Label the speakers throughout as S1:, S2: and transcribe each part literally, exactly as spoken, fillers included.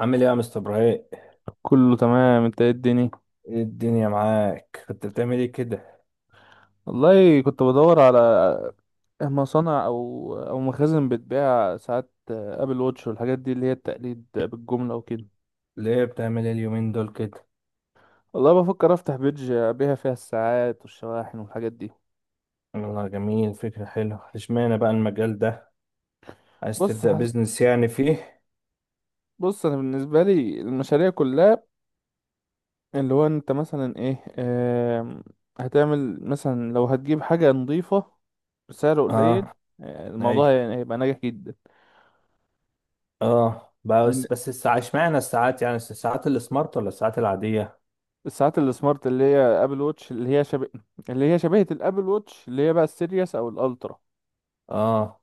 S1: عامل ايه يا مستر ابراهيم؟
S2: كله تمام. انت ايه الدنيا؟
S1: ايه الدنيا معاك، كنت بتعمل ايه كده؟
S2: والله كنت بدور على مصانع او او مخازن بتبيع ساعات ابل واتش والحاجات دي اللي هي التقليد بالجمله وكده.
S1: ليه بتعمل ايه اليومين دول كده؟
S2: والله بفكر افتح بيدج ابيع فيها الساعات والشواحن والحاجات دي.
S1: والله جميل، فكرة حلوة. اشمعنى بقى المجال ده؟ عايز
S2: بص
S1: تبدأ
S2: حس...
S1: بيزنس يعني فيه؟
S2: بص انا بالنسبه لي المشاريع كلها اللي هو انت مثلا ايه، آم، هتعمل مثلا لو هتجيب حاجه نظيفه بسعر قليل.
S1: اه.
S2: آه، الموضوع
S1: اي.
S2: هي- هيبقى ناجح جدا.
S1: اه بس بس الساعة اشمعنى الساعات، يعني الساعات السمارت ولا الساعات العادية؟
S2: الساعات السمارت اللي هي ابل ووتش، اللي هي شبه، اللي هي شبيهة الابل ووتش اللي هي بقى السيريس او الالترا،
S1: اه.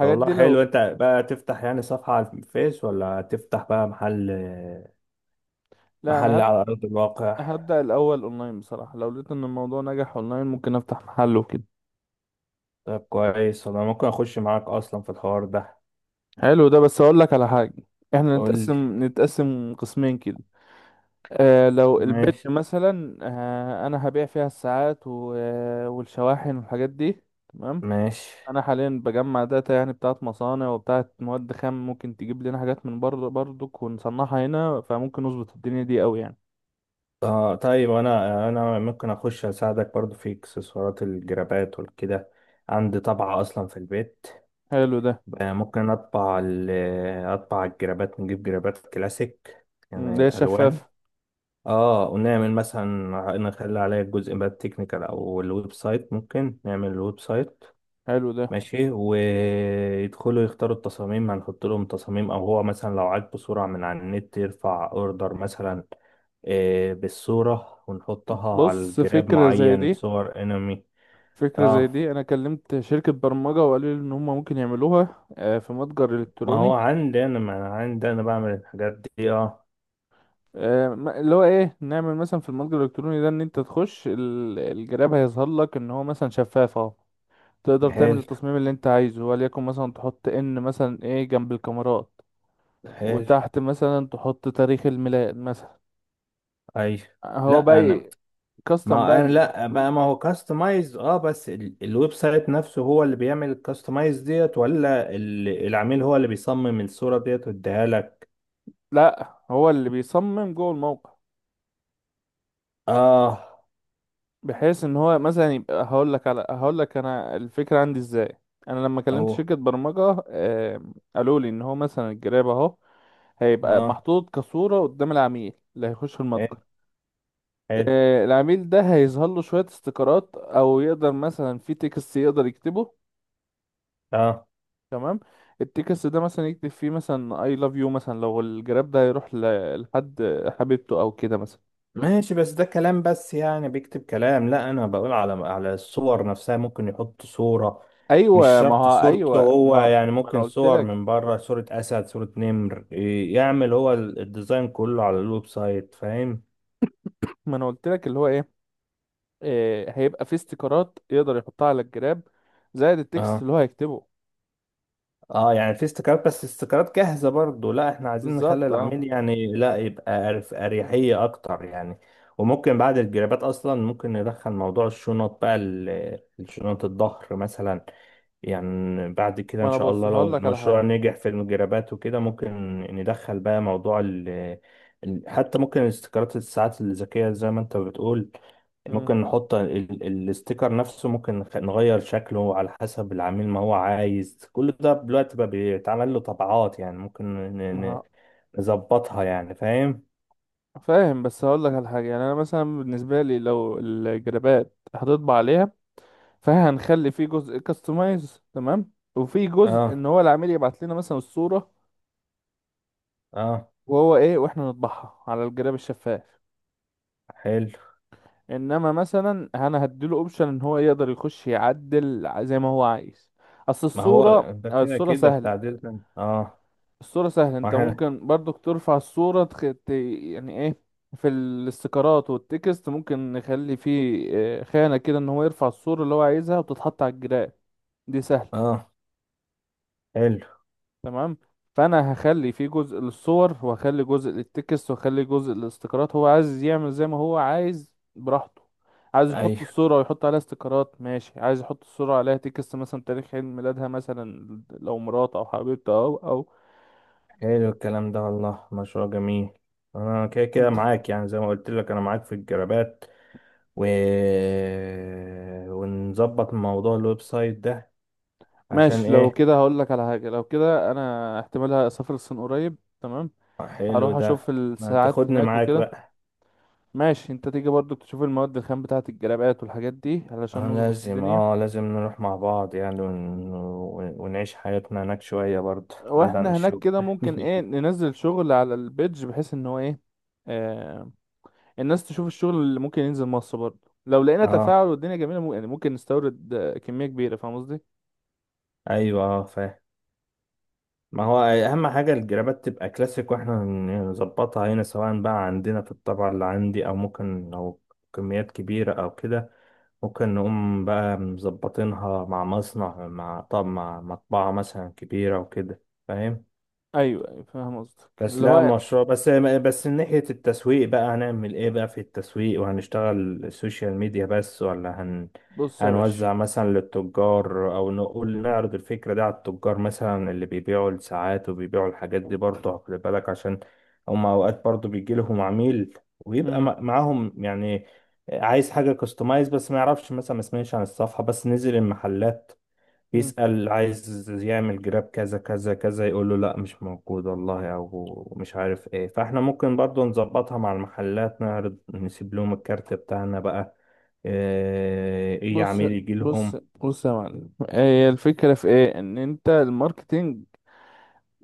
S1: طب والله
S2: دي لو.
S1: حلو، انت بقى تفتح يعني صفحة على الفيس ولا تفتح بقى محل؟
S2: لا انا
S1: محل
S2: هب...
S1: على أرض الواقع.
S2: هبدأ الاول اونلاين بصراحة، لو لقيت ان الموضوع نجح اونلاين ممكن افتح محل وكده.
S1: طب كويس، انا ممكن اخش معاك اصلا في الحوار ده.
S2: حلو ده، بس اقول لك على حاجة. احنا
S1: قول لي.
S2: نتقسم نتقسم قسمين كده. آه، لو البيت
S1: ماشي.
S2: مثلا، آه انا هبيع فيها الساعات و... آه، والشواحن والحاجات دي. تمام.
S1: ماشي.
S2: انا حاليا بجمع داتا يعني بتاعت مصانع وبتاعت مواد خام، ممكن تجيب لنا حاجات من بره برضك ونصنعها هنا، فممكن نظبط الدنيا دي قوي يعني.
S1: آه طيب أنا أنا ممكن أخش أساعدك برضو في إكسسوارات الجرابات والكده. عندي طبعة أصلا في البيت.
S2: حلو ده.
S1: آه، ممكن أطبع ال- أطبع الجرابات، نجيب جرابات كلاسيك،
S2: مم،
S1: يعني
S2: ده
S1: ألوان.
S2: شفاف.
S1: اه. ونعمل مثلا، نخلي عليها الجزء بقى التكنيكال أو الويب سايت، ممكن نعمل الويب سايت.
S2: حلو ده.
S1: ماشي، ويدخلوا يختاروا التصاميم، هنحط لهم تصاميم او هو مثلا لو عاجبه صورة من على النت يرفع اوردر مثلا، آه، بالصورة، ونحطها على
S2: بص،
S1: الجراب،
S2: فكرة زي
S1: معين
S2: دي،
S1: صور انمي.
S2: فكرة زي
S1: اه.
S2: دي انا كلمت شركة برمجة وقالوا لي ان هم ممكن يعملوها، آه، في متجر
S1: ما هو
S2: الكتروني.
S1: عندي انا، ما انا عندي انا بعمل الحاجات دي. اه.
S2: آه، ما- اللي هو ايه، نعمل مثلا في المتجر الالكتروني ده ان انت تخش ال- الجراب هيظهر لك ان هو مثلا شفاف اهو. تقدر تعمل
S1: حلو.
S2: التصميم اللي انت عايزه، وليكن مثلا تحط ان مثلا ايه جنب الكاميرات،
S1: حلو.
S2: وتحت مثلا تحط تاريخ الميلاد مثلا.
S1: اي.
S2: هو
S1: لا
S2: بقى
S1: انا،
S2: ي- كاستم بقى
S1: ما انا
S2: ال-
S1: لا ما ما هو كاستمايز، اه بس ال- الويب سايت نفسه هو اللي بيعمل الكاستمايز ديت، ولا ال- العميل هو اللي بيصمم الصورة ديت ويديها لك؟
S2: لا، هو اللي بيصمم جوه الموقع،
S1: اه.
S2: بحيث ان هو مثلا يبقى، هقول لك على هقول لك انا الفكره عندي ازاي. انا لما كلمت
S1: اوه.
S2: شركه برمجه، آم، قالوا لي ان هو مثلا الجراب اهو هيبقى
S1: اه.
S2: محطوط كصوره قدام العميل اللي هيخش
S1: حلو.
S2: المتجر.
S1: حلو.
S2: آه، العميل ده هيظهر له شويه استيكرات، او يقدر مثلا في تكست يقدر يكتبه.
S1: اه.
S2: تمام. التكست ده مثلا يكتب فيه مثلا I love you مثلا، لو الجراب ده هيروح ل- لحد حبيبته او كده مثلا.
S1: ماشي بس ده كلام، بس يعني بيكتب كلام؟ لا انا بقول على على الصور نفسها، ممكن يحط صورة، مش
S2: ايوه، ما
S1: شرط
S2: هو
S1: صورته
S2: ايوه،
S1: هو،
S2: ما
S1: يعني
S2: ما انا
S1: ممكن
S2: قلت
S1: صور
S2: لك.
S1: من بره، صورة اسد، صورة نمر، إيه، يعمل هو ال- الديزاين كله على الويب سايت، فاهم؟
S2: ما انا قلت لك اللي هو ايه، إيه، هيبقى فيه استيكرات يقدر يحطها على الجراب زائد التكست
S1: اه.
S2: اللي هو هيكتبه.
S1: اه يعني في استيكرات، بس استيكرات جاهزة؟ برضو لا، احنا عايزين نخلي
S2: بالظبط، اه.
S1: العميل يعني لا، يبقى أرف- أريحية أكتر يعني. وممكن بعد الجرابات أصلا ممكن ندخل موضوع الشنط بقى، ال- الشنط الظهر مثلا. يعني بعد كده
S2: ما
S1: إن
S2: انا
S1: شاء
S2: بص
S1: الله لو
S2: هقول لك على حاجه.
S1: المشروع نجح في الجرابات وكده ممكن ندخل بقى موضوع ال، ال- حتى ممكن استيكرات الساعات الذكية زي ما أنت بتقول.
S2: مم.
S1: ممكن نحط ال- ال- الستيكر نفسه، ممكن نخ- نغير شكله على حسب العميل ما هو عايز. كل ده دلوقتي بقى بيتعمل له طبعات يعني، ممكن ن- ن-
S2: ما
S1: نظبطها يعني، فاهم؟
S2: فاهم، بس هقول لك على حاجه يعني. انا مثلا بالنسبه لي لو الجرابات هتطبع عليها، فهنخلي فيه جزء كاستمايز، تمام، وفي جزء
S1: اه.
S2: ان هو العميل يبعت لنا مثلا الصورة
S1: اه.
S2: وهو ايه، واحنا نطبعها على الجراب الشفاف.
S1: حلو.
S2: انما مثلا انا هديله اوبشن ان هو يقدر يخش يعدل زي ما هو عايز. اصل
S1: ما هو
S2: الصورة،
S1: ده كده
S2: الصورة
S1: كده
S2: سهلة.
S1: التعديل ده. اه.
S2: الصورة سهلة، انت
S1: واحد.
S2: ممكن برضك ترفع الصورة تخ... ت... يعني ايه، في الاستيكرات والتكست ممكن نخلي فيه آه، خانة كده ان هو يرفع الصورة اللي هو عايزها وتتحط على الجراب. دي سهلة.
S1: اه. حلو.
S2: تمام. فانا هخلي في جزء للصور، وهخلي جزء للتكست، وهخلي جزء للاستيكرات. هو عايز يعمل زي ما هو عايز براحته. عايز يحط
S1: ايوه.
S2: الصورة ويحط عليها استيكرات، ماشي. عايز يحط الصورة عليها تكست، مثلا تاريخ عيد ميلادها مثلا، لو مرات او حبيبته او او.
S1: حلو الكلام ده والله، مشروع جميل. انا كده كده معاك، يعني زي ما قلت لك انا معاك في الجرابات و... ونظبط موضوع الويب سايت ده. عشان
S2: ماشي. لو
S1: ايه؟
S2: كده هقول لك على حاجة، لو كده انا احتمال اسافر الصين قريب، تمام.
S1: آه، حلو
S2: هروح اشوف
S1: ده. ما
S2: الساعات
S1: تاخدني
S2: هناك
S1: معاك
S2: وكده.
S1: بقى.
S2: ماشي، انت تيجي برضو تشوف المواد الخام بتاعة الجلابات والحاجات دي، علشان
S1: آه،
S2: نظبط
S1: لازم،
S2: الدنيا.
S1: اه لازم نروح مع بعض يعني ون... ون- ونعيش حياتنا هناك شوية برضه بعيد عن
S2: واحنا هناك
S1: الشغل.
S2: كده ممكن ايه، ننزل شغل على البيدج بحيث ان هو ايه، آه، الناس تشوف الشغل اللي ممكن ينزل مصر برضه. لو لقينا
S1: اه.
S2: تفاعل والدنيا جميلة، ممكن يعني ممكن نستورد، آه، كمية كبيرة. فاهم قصدي؟
S1: ايوه اه فاهم. ما هو اهم حاجة الجرابات تبقى كلاسيك، واحنا نظبطها هنا سواء بقى عندنا في الطبعة اللي عندي، او ممكن لو كميات كبيرة او كده ممكن نقوم بقى مظبطينها مع مصنع، مع طب مع مطبعة مثلا كبيرة وكده، فاهم؟
S2: ايوه، أيوة، فاهم قصدك
S1: بس
S2: اللي
S1: لا
S2: هو.
S1: مشروع بس بس من ناحية التسويق بقى هنعمل ايه بقى في التسويق؟ وهنشتغل سوشيال ميديا بس ولا هن،
S2: بص يا باشا.
S1: هنوزع مثلا للتجار او نقول نعرض الفكرة دي على التجار مثلا اللي بيبيعوا الساعات وبيبيعوا الحاجات دي؟ برضه خلي بالك عشان هم اوقات برضه بيجي لهم عميل ويبقى
S2: مم.
S1: مع- معاهم يعني، عايز حاجة كاستمايز بس ما يعرفش مثلا، ما سمعش عن الصفحة، بس نزل المحلات
S2: مم.
S1: بيسأل، عايز يعمل جراب كذا كذا كذا، يقول له لا مش موجود والله، او مش عارف ايه. فاحنا ممكن برضو نظبطها مع المحلات، نعرض نسيب لهم الكارت بتاعنا بقى، ايه إيه
S2: بص
S1: عميل يجي
S2: بص
S1: لهم.
S2: بص يا معلم، هي الفكرة في ايه، ان انت الماركتينج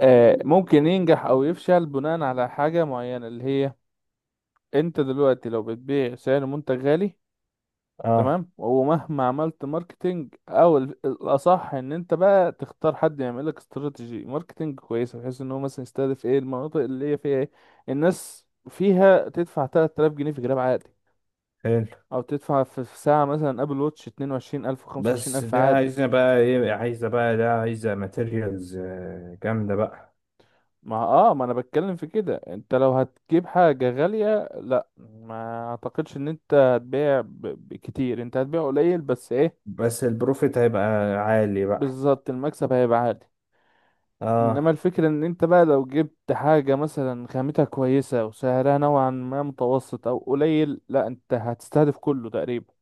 S2: آه ممكن ينجح او يفشل بناء على حاجة معينة، اللي هي انت دلوقتي لو بتبيع سعر منتج غالي،
S1: اه.
S2: تمام، ومهما عملت ماركتينج، او ال- الاصح ان انت بقى تختار حد يعمل لك استراتيجي ماركتينج كويسه، بحيث ان هو مثلا يستهدف ايه المناطق اللي هي فيها ايه الناس فيها تدفع ثلاث آلاف جنيه في جراب عادي،
S1: حلو.
S2: او تدفع في في ساعه مثلا ابل واتش اثنين وعشرين الف،
S1: بس
S2: خمسة وعشرون ألفا
S1: ده
S2: عادي.
S1: عايزة بقى ايه، عايزة بقى ده عايزة ماتيريالز جامدة بقى.
S2: ما اه، ما انا بتكلم في كده. انت لو هتجيب حاجه غاليه، لا ما اعتقدش ان انت هتبيع ب- بكتير، انت هتبيع قليل، بس ايه،
S1: بس البروفيت هيبقى عالي بقى.
S2: بالظبط، المكسب هيبقى عالي.
S1: اه.
S2: انما الفكرة ان انت بقى لو جبت حاجة مثلا خامتها كويسة وسعرها نوعا ما متوسط او قليل، لا انت هتستهدف كله تقريبا.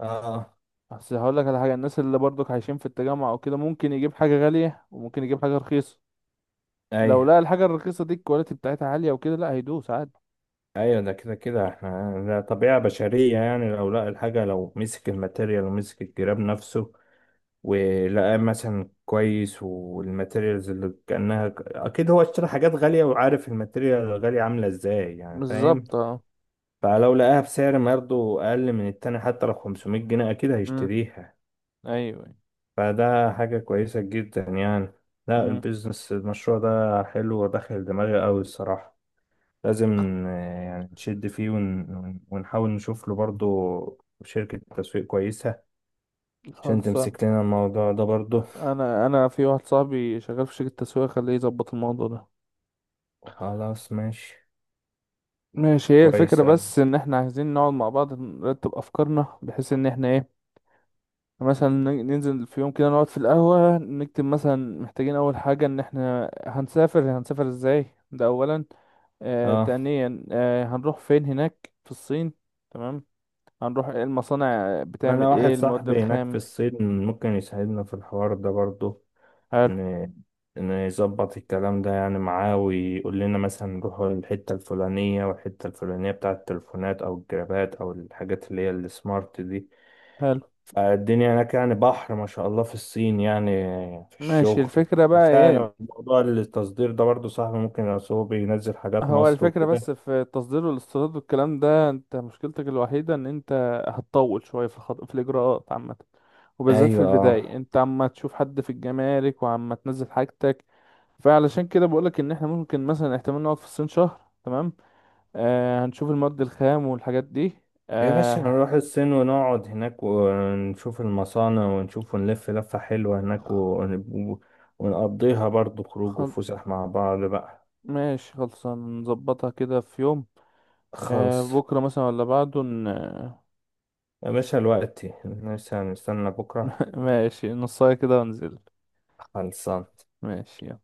S1: اه.
S2: بس هقولك على حاجة، الناس اللي برضك عايشين في التجمع او كده ممكن يجيب حاجة غالية وممكن يجيب حاجة رخيصة. لو
S1: ايوه.
S2: لقى الحاجة الرخيصة دي الكواليتي بتاعتها عالية وكده، لا هيدوس عادي.
S1: ايوه ده كده كده احنا، ده طبيعة بشرية يعني، لو لقى الحاجة، لو مسك الماتيريال ومسك الجراب نفسه ولقاه مثلا كويس والماتيريالز اللي كأنها، اكيد هو اشترى حاجات غالية وعارف الماتيريال الغالية عاملة ازاي، يعني فاهم.
S2: بالظبط، اه.
S1: فلو لقاها بسعر برضه اقل من التاني حتى لو خمسمائة جنيه، اكيد
S2: امم
S1: هيشتريها.
S2: ايوه.
S1: فده حاجة كويسة جدا يعني. لا
S2: امم
S1: البيزنس، المشروع ده حلو وداخل دماغي قوي الصراحة. لازم، آه، يعني نشد فيه ون... ون- ونحاول نشوف له برضه شركة تسويق كويسة عشان
S2: خلصان.
S1: تمسك لنا الموضوع ده برضه.
S2: انا انا في واحد صاحبي شغال في شركة تسويق، خليه يظبط الموضوع ده.
S1: خلاص ماشي.
S2: ماشي. هي الفكرة
S1: كويس أوي.
S2: بس ان احنا عايزين نقعد مع بعض نرتب افكارنا، بحيث ان احنا ايه، مثلا ن- ننزل في يوم كده، نقعد في القهوة نكتب مثلا محتاجين اول حاجة ان احنا هنسافر، هنسافر ازاي، ده اولا. آه،
S1: اه.
S2: تانيا، آه هنروح فين هناك في الصين، تمام. هنروح ايه، المصانع
S1: وانا
S2: بتعمل
S1: واحد
S2: ايه، المواد
S1: صاحبي هناك في
S2: الخام.
S1: الصين ممكن يساعدنا في الحوار ده برضه،
S2: حلو.
S1: ن... نظبط الكلام ده يعني معاه، ويقول لنا مثلا نروح الحتة الفلانية والحتة الفلانية بتاعة التليفونات أو الجرابات أو الحاجات اللي هي السمارت دي.
S2: حلو.
S1: الدنيا هناك يعني بحر ما شاء الله في الصين، يعني في
S2: ماشي،
S1: الشغل.
S2: الفكرة بقى ايه.
S1: سهل موضوع التصدير ده برضو، صاحبي ممكن، أصل هو بينزل حاجات
S2: هو
S1: مصر
S2: الفكرة
S1: وكده.
S2: بس في التصدير والاستيراد والكلام ده، انت مشكلتك الوحيدة ان انت هتطول شوية في الخط... في الإجراءات عامة، وبالذات في
S1: ايوه. اه
S2: البداية انت عما تشوف حد في الجمارك وعما تنزل حاجتك. فعلشان كده بقولك ان احنا ممكن مثلا احتمال نقعد في الصين شهر، تمام. آه، هنشوف المواد الخام والحاجات دي.
S1: يا باشا،
S2: آه.
S1: نروح الصين ونقعد هناك ونشوف المصانع ونشوف ونلف لفة حلوة هناك ون- ونقضيها برضو خروج
S2: خل...
S1: وفسح مع بعض بقى.
S2: ماشي، خلصان، نظبطها كده في يوم. آه،
S1: خلص
S2: بكرة مثلا ولا بعده ن...
S1: يا باشا، الوقت لسه، هنستنى بكرة؟
S2: ماشي، نصاية كده ونزل.
S1: خلصان.
S2: ماشي.